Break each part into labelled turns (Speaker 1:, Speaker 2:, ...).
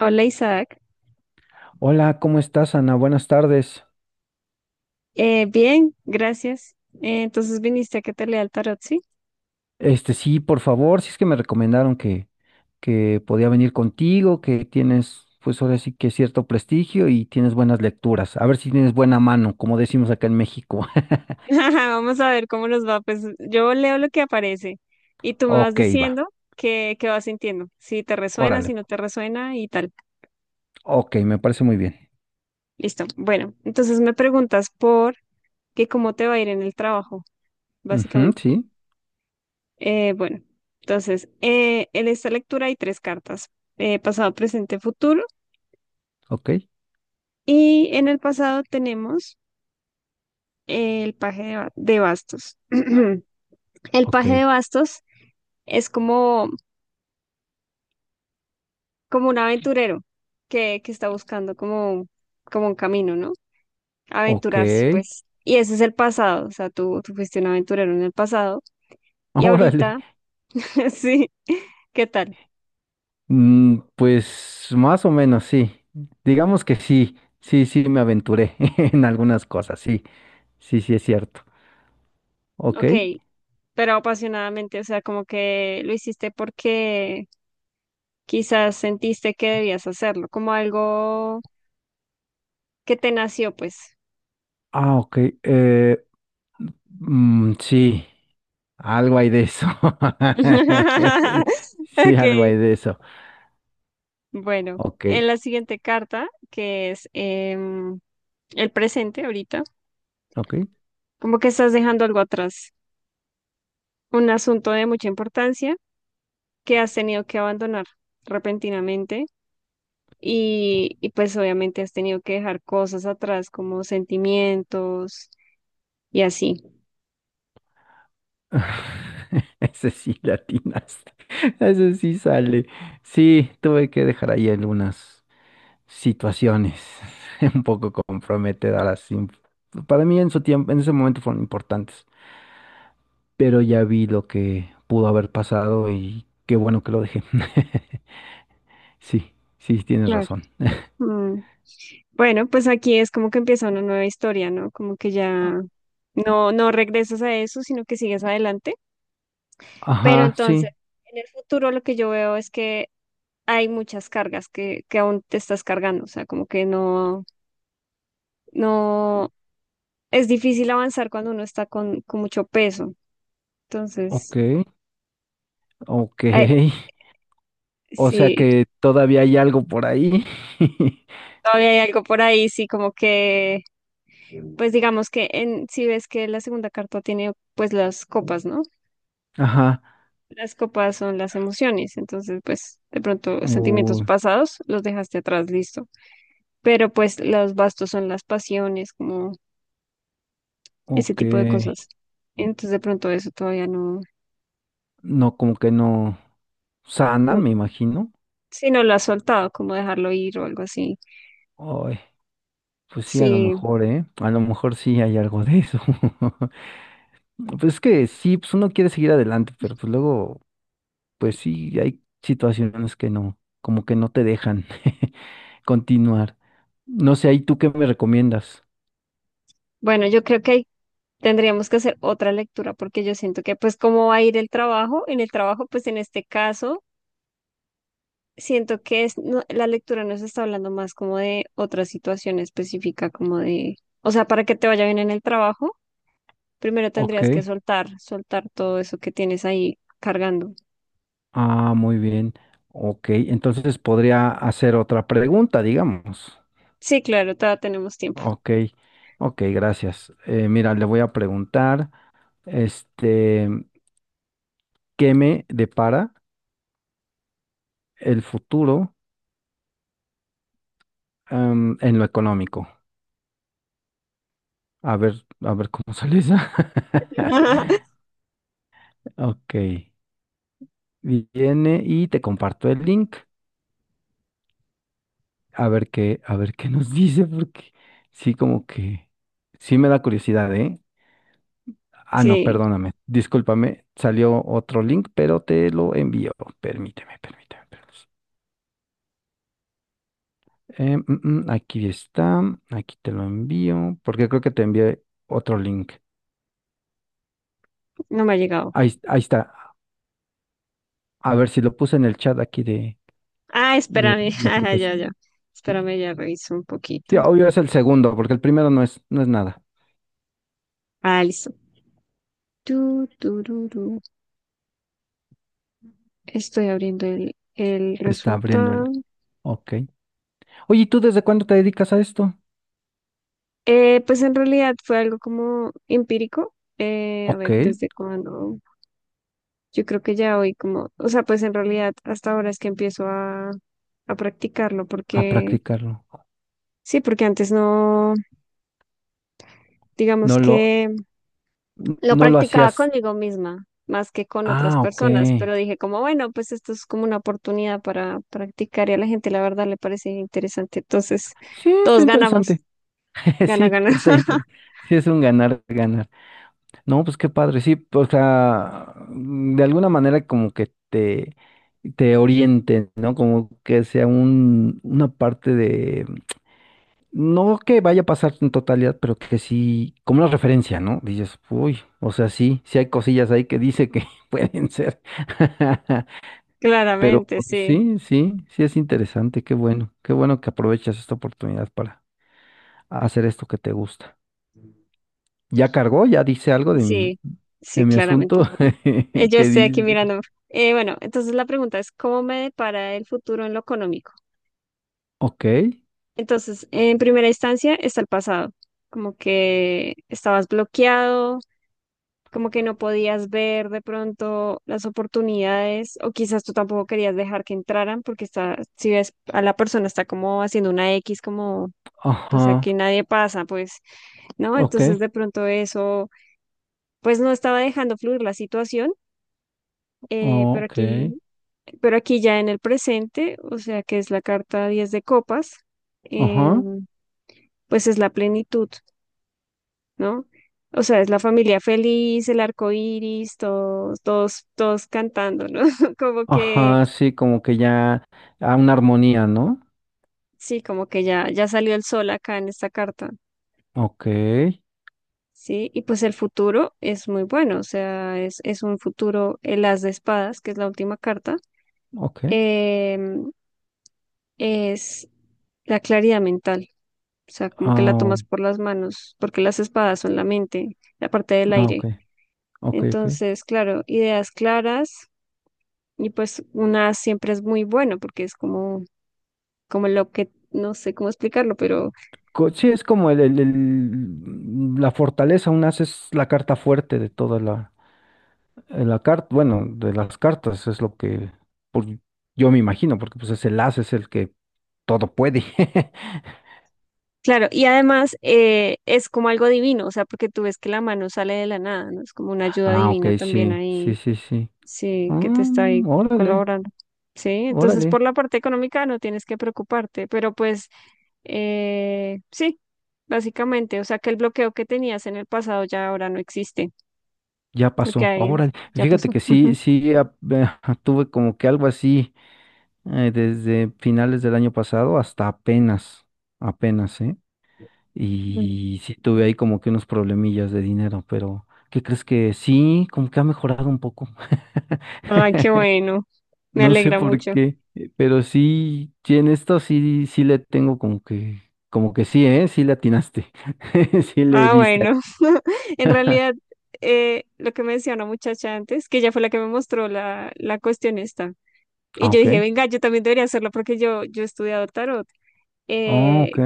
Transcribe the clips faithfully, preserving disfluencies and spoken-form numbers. Speaker 1: Hola, Isaac.
Speaker 2: Hola, ¿cómo estás, Ana? Buenas tardes.
Speaker 1: Eh, bien, gracias. Eh, entonces viniste a que te lea el tarot, ¿sí?
Speaker 2: Este, sí, por favor, si es que me recomendaron que, que podía venir contigo, que tienes, pues ahora sí que cierto prestigio y tienes buenas lecturas. A ver si tienes buena mano, como decimos acá en México.
Speaker 1: Vamos a ver cómo nos va. Pues yo leo lo que aparece y tú me vas
Speaker 2: Ok, va.
Speaker 1: diciendo qué, qué vas sintiendo, si te resuena,
Speaker 2: Órale.
Speaker 1: si no te resuena y tal.
Speaker 2: Ok, me parece muy bien.
Speaker 1: Listo. Bueno, entonces me preguntas por que cómo te va a ir en el trabajo,
Speaker 2: Ujú,
Speaker 1: básicamente.
Speaker 2: sí,
Speaker 1: Eh, bueno, entonces eh, en esta lectura hay tres cartas, eh, pasado, presente, futuro.
Speaker 2: ok,
Speaker 1: Y en el pasado tenemos eh, el paje de, ba- de bastos. El
Speaker 2: ok,
Speaker 1: paje de bastos es como, como un aventurero que, que está buscando como, como un camino, ¿no?
Speaker 2: ok.
Speaker 1: Aventurarse, pues. Y ese es el pasado, o sea, tú, tú fuiste un aventurero en el pasado y
Speaker 2: Órale.
Speaker 1: ahorita, sí, ¿qué tal?
Speaker 2: Mm, pues más o menos, sí. Digamos que sí, sí, sí, me aventuré en algunas cosas, sí, sí, sí, es cierto. Ok.
Speaker 1: Ok, pero apasionadamente, o sea, como que lo hiciste porque quizás sentiste que debías hacerlo, como algo que te nació, pues.
Speaker 2: Ah, ok. Eh, mm, sí, algo hay de eso. Sí, algo
Speaker 1: Ok,
Speaker 2: hay de eso.
Speaker 1: bueno,
Speaker 2: Ok,
Speaker 1: en la siguiente carta, que es... Eh, el presente ahorita,
Speaker 2: ok.
Speaker 1: como que estás dejando algo atrás, un asunto de mucha importancia que has tenido que abandonar repentinamente y, y pues obviamente has tenido que dejar cosas atrás como sentimientos y así.
Speaker 2: Ese sí latinas. Ese sí sale. Sí, tuve que dejar ahí algunas situaciones un poco comprometedoras. im- Para mí en su tiempo, en ese momento fueron importantes, pero ya vi lo que pudo haber pasado y qué bueno que lo dejé. Sí, sí, tienes
Speaker 1: Claro.
Speaker 2: razón.
Speaker 1: Mm. Bueno, pues aquí es como que empieza una nueva historia, ¿no? Como que ya no, no regresas a eso, sino que sigues adelante. Pero
Speaker 2: Ajá,
Speaker 1: entonces,
Speaker 2: sí,
Speaker 1: en el futuro lo que yo veo es que hay muchas cargas que, que aún te estás cargando, o sea, como que no, no, es difícil avanzar cuando uno está con, con mucho peso. Entonces,
Speaker 2: ok, ok.
Speaker 1: eh,
Speaker 2: O sea
Speaker 1: sí,
Speaker 2: que todavía hay algo por ahí.
Speaker 1: todavía hay algo por ahí, sí, como que, pues digamos que en, si ves que la segunda carta tiene pues las copas, ¿no?
Speaker 2: Ajá,
Speaker 1: Las copas son las emociones, entonces pues de pronto sentimientos
Speaker 2: uy,
Speaker 1: pasados los dejaste atrás, listo. Pero pues los bastos son las pasiones, como ese
Speaker 2: ok.
Speaker 1: tipo de cosas. Entonces de pronto eso todavía no,
Speaker 2: No, como que no sana,
Speaker 1: no,
Speaker 2: me imagino.
Speaker 1: sí, no lo has soltado, como dejarlo ir o algo así.
Speaker 2: Ay, pues sí, a lo
Speaker 1: Sí,
Speaker 2: mejor, ¿eh? A lo mejor sí hay algo de eso. Pues es que sí, pues uno quiere seguir adelante, pero pues luego, pues sí, hay situaciones que no, como que no te dejan continuar. No sé, ahí tú qué me recomiendas.
Speaker 1: bueno, yo creo que ahí tendríamos que hacer otra lectura porque yo siento que pues cómo va a ir el trabajo, en el trabajo pues en este caso siento que es, no- la lectura nos está hablando más como de otra situación específica, como de, o sea, para que te vaya bien en el trabajo, primero
Speaker 2: Ok.
Speaker 1: tendrías que soltar, soltar todo eso que tienes ahí cargando.
Speaker 2: Ah, muy bien. Ok, entonces podría hacer otra pregunta, digamos.
Speaker 1: Sí, claro, todavía tenemos tiempo.
Speaker 2: Ok, ok, gracias. Eh, mira, le voy a preguntar, este, ¿qué me depara el futuro, em, en lo económico? A ver, a ver cómo sale esa. Ok, viene y te comparto el link. A ver qué, a ver qué nos dice, porque sí, como que sí me da curiosidad, ¿eh? Ah, no,
Speaker 1: Sí,
Speaker 2: perdóname, discúlpame, salió otro link, pero te lo envío. Permíteme, permíteme. permíteme. Eh, mm, mm, aquí está, aquí te lo envío, porque creo que te envié otro link.
Speaker 1: no me ha llegado.
Speaker 2: Ahí, ahí está. A ver si lo puse en el chat aquí de,
Speaker 1: Ah,
Speaker 2: de
Speaker 1: espérame,
Speaker 2: la
Speaker 1: ya, ya,
Speaker 2: aplicación.
Speaker 1: ya.
Speaker 2: Sí.
Speaker 1: Espérame, ya reviso un
Speaker 2: Sí,
Speaker 1: poquito.
Speaker 2: obvio es el segundo, porque el primero no es, no es nada.
Speaker 1: Ah, listo. Tu, tururú. Estoy abriendo el, el
Speaker 2: Se está abriendo el.
Speaker 1: resultado.
Speaker 2: Ok. Oye, ¿y tú desde cuándo te dedicas a esto?
Speaker 1: Eh, pues en realidad fue algo como empírico. Eh, a
Speaker 2: Ok,
Speaker 1: ver, desde cuándo. Yo creo que ya hoy como, o sea, pues en realidad hasta ahora es que empiezo a, a practicarlo
Speaker 2: a
Speaker 1: porque,
Speaker 2: practicarlo.
Speaker 1: sí, porque antes no, digamos
Speaker 2: No lo,
Speaker 1: que lo
Speaker 2: no lo
Speaker 1: practicaba
Speaker 2: hacías.
Speaker 1: conmigo misma más que con otras
Speaker 2: Ah, ok.
Speaker 1: personas, pero dije como, bueno, pues esto es como una oportunidad para practicar y a la gente la verdad le parece interesante. Entonces,
Speaker 2: Sí, está
Speaker 1: todos ganamos,
Speaker 2: interesante.
Speaker 1: gana,
Speaker 2: Sí,
Speaker 1: gana.
Speaker 2: está interesante. Sí, es un ganar, ganar. No, pues qué padre, sí, pues, o sea, mm, de alguna manera como que te, te orienten, ¿no? Como que sea un, una parte de, no que vaya a pasar en totalidad, pero que sí, como una referencia, ¿no? Dices, uy, o sea, sí, sí hay cosillas ahí que dice que pueden ser. Pero
Speaker 1: Claramente,
Speaker 2: pues,
Speaker 1: sí,
Speaker 2: sí, sí, sí es interesante, qué bueno, qué bueno que aprovechas esta oportunidad para hacer esto que te gusta. Ya cargó, ya dice algo de mi,
Speaker 1: sí,
Speaker 2: de
Speaker 1: sí,
Speaker 2: mi
Speaker 1: claramente.
Speaker 2: asunto.
Speaker 1: Eh, Yo
Speaker 2: ¿Qué
Speaker 1: estoy aquí
Speaker 2: dice?
Speaker 1: mirando. Eh, bueno, entonces la pregunta es, ¿cómo me depara el futuro en lo económico?
Speaker 2: Ok,
Speaker 1: Entonces, en primera instancia está el pasado, como que estabas bloqueado, como que no podías ver de pronto las oportunidades, o quizás tú tampoco querías dejar que entraran, porque está, si ves a la persona está como haciendo una X, como, pues
Speaker 2: ajá,
Speaker 1: aquí nadie pasa, pues, ¿no?
Speaker 2: ok,
Speaker 1: Entonces de pronto eso, pues no estaba dejando fluir la situación. Eh, pero
Speaker 2: ok,
Speaker 1: aquí, pero aquí ya en el presente, o sea que es la carta diez de copas,
Speaker 2: ajá,
Speaker 1: em, pues es la plenitud, ¿no? O sea, es la familia feliz, el arco iris, todos, todos, todos cantando, ¿no? Como que,
Speaker 2: ajá, sí, como que ya a una armonía, ¿no?
Speaker 1: sí, como que ya, ya salió el sol acá en esta carta,
Speaker 2: Ok,
Speaker 1: ¿sí? Y pues el futuro es muy bueno, o sea, es, es un futuro, el as de espadas, que es la última carta,
Speaker 2: ok,
Speaker 1: em, es la claridad mental. O sea, como que la
Speaker 2: ah,
Speaker 1: tomas por las manos, porque las espadas son la mente, la parte del
Speaker 2: ah, ok,
Speaker 1: aire.
Speaker 2: ok, ok.
Speaker 1: Entonces, claro, ideas claras y pues una siempre es muy bueno porque es como, como lo que, no sé cómo explicarlo, pero
Speaker 2: Co- Sí, es como el, el- el- la fortaleza, una es la carta fuerte de toda la, en la carta, bueno, de las cartas es lo que por- yo me imagino, porque pues es el as, es el que todo puede.
Speaker 1: claro, y además eh, es como algo divino, o sea, porque tú ves que la mano sale de la nada, ¿no? Es como una ayuda
Speaker 2: Ah, ok,
Speaker 1: divina también
Speaker 2: sí,
Speaker 1: ahí,
Speaker 2: sí, sí, sí.
Speaker 1: sí, que te está
Speaker 2: Mm,
Speaker 1: ahí
Speaker 2: órale,
Speaker 1: colaborando. Sí, entonces
Speaker 2: órale,
Speaker 1: por la parte económica no tienes que preocuparte, pero pues Eh, sí, básicamente, o sea que el bloqueo que tenías en el pasado ya ahora no existe,
Speaker 2: ya
Speaker 1: lo que
Speaker 2: pasó,
Speaker 1: hay es,
Speaker 2: órale.
Speaker 1: ya
Speaker 2: Fíjate
Speaker 1: pasó.
Speaker 2: que sí,
Speaker 1: Ujú.
Speaker 2: sí, ah, eh, tuve como que algo así eh, desde finales del año pasado hasta apenas, apenas, ¿eh?
Speaker 1: Mm.
Speaker 2: Y sí tuve ahí como que unos problemillas de dinero, pero ¿qué crees que sí? Como que ha mejorado un poco.
Speaker 1: Ay, qué bueno, me
Speaker 2: No sé
Speaker 1: alegra
Speaker 2: por
Speaker 1: mucho.
Speaker 2: qué, eh, pero sí, sí, en esto sí, sí le tengo como que, como que sí, ¿eh? Sí le atinaste. Sí le
Speaker 1: Ah,
Speaker 2: diste.
Speaker 1: bueno, en realidad eh, lo que me decía una muchacha antes, que ella fue la que me mostró la, la cuestión esta, y
Speaker 2: Ah,
Speaker 1: yo
Speaker 2: ok.
Speaker 1: dije, venga, yo también debería hacerlo porque yo, yo he estudiado tarot.
Speaker 2: Ah,
Speaker 1: Eh,
Speaker 2: ok.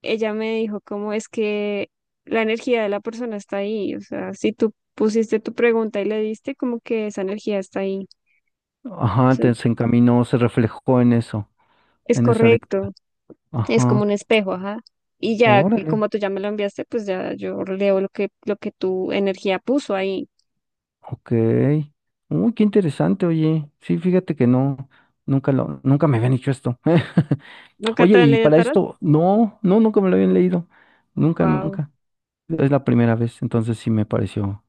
Speaker 1: ella me dijo cómo es que la energía de la persona está ahí, o sea, si tú pusiste tu pregunta y le diste, como que esa energía está ahí. O
Speaker 2: Ajá,
Speaker 1: sea,
Speaker 2: te, se encaminó, se reflejó en eso,
Speaker 1: es
Speaker 2: en esa
Speaker 1: correcto,
Speaker 2: lectura.
Speaker 1: es como
Speaker 2: Ajá.
Speaker 1: un espejo, ajá. Y ya, y
Speaker 2: Órale.
Speaker 1: como tú ya me lo enviaste, pues ya yo leo lo que, lo que tu energía puso ahí.
Speaker 2: Ok. Uy, qué interesante, oye. Sí, fíjate que no, nunca lo, nunca me habían dicho esto.
Speaker 1: ¿Nunca
Speaker 2: Oye,
Speaker 1: te han
Speaker 2: y
Speaker 1: leído el
Speaker 2: para
Speaker 1: tarot?
Speaker 2: esto, no, no, nunca me lo habían leído. Nunca,
Speaker 1: Wow.
Speaker 2: nunca. Es la primera vez, entonces sí me pareció.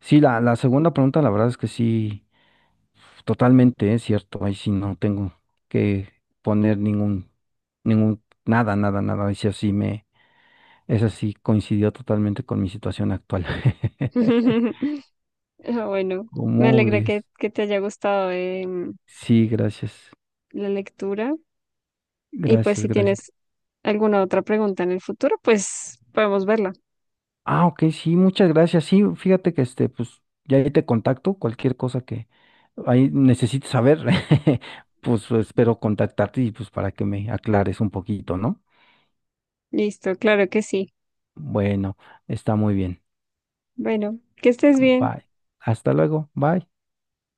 Speaker 2: Sí, la, la segunda pregunta, la verdad es que sí, totalmente es cierto. Ahí sí no tengo que poner ningún, ningún, nada, nada, nada. Ahí sí así me, esa sí coincidió totalmente con mi situación actual.
Speaker 1: Ah, bueno, me
Speaker 2: ¿Cómo
Speaker 1: alegra que,
Speaker 2: ves?
Speaker 1: que te haya gustado em,
Speaker 2: Sí, gracias.
Speaker 1: la lectura. Y pues
Speaker 2: Gracias,
Speaker 1: si
Speaker 2: gracias.
Speaker 1: tienes alguna otra pregunta en el futuro, pues podemos verla.
Speaker 2: Ah, ok, sí, muchas gracias. Sí, fíjate que este, pues, ya ahí te contacto, cualquier cosa que ahí necesites saber, pues espero contactarte y pues para que me aclares un poquito, ¿no?
Speaker 1: Listo, claro que sí.
Speaker 2: Bueno, está muy bien.
Speaker 1: Bueno, que estés bien.
Speaker 2: Bye. Hasta luego. Bye.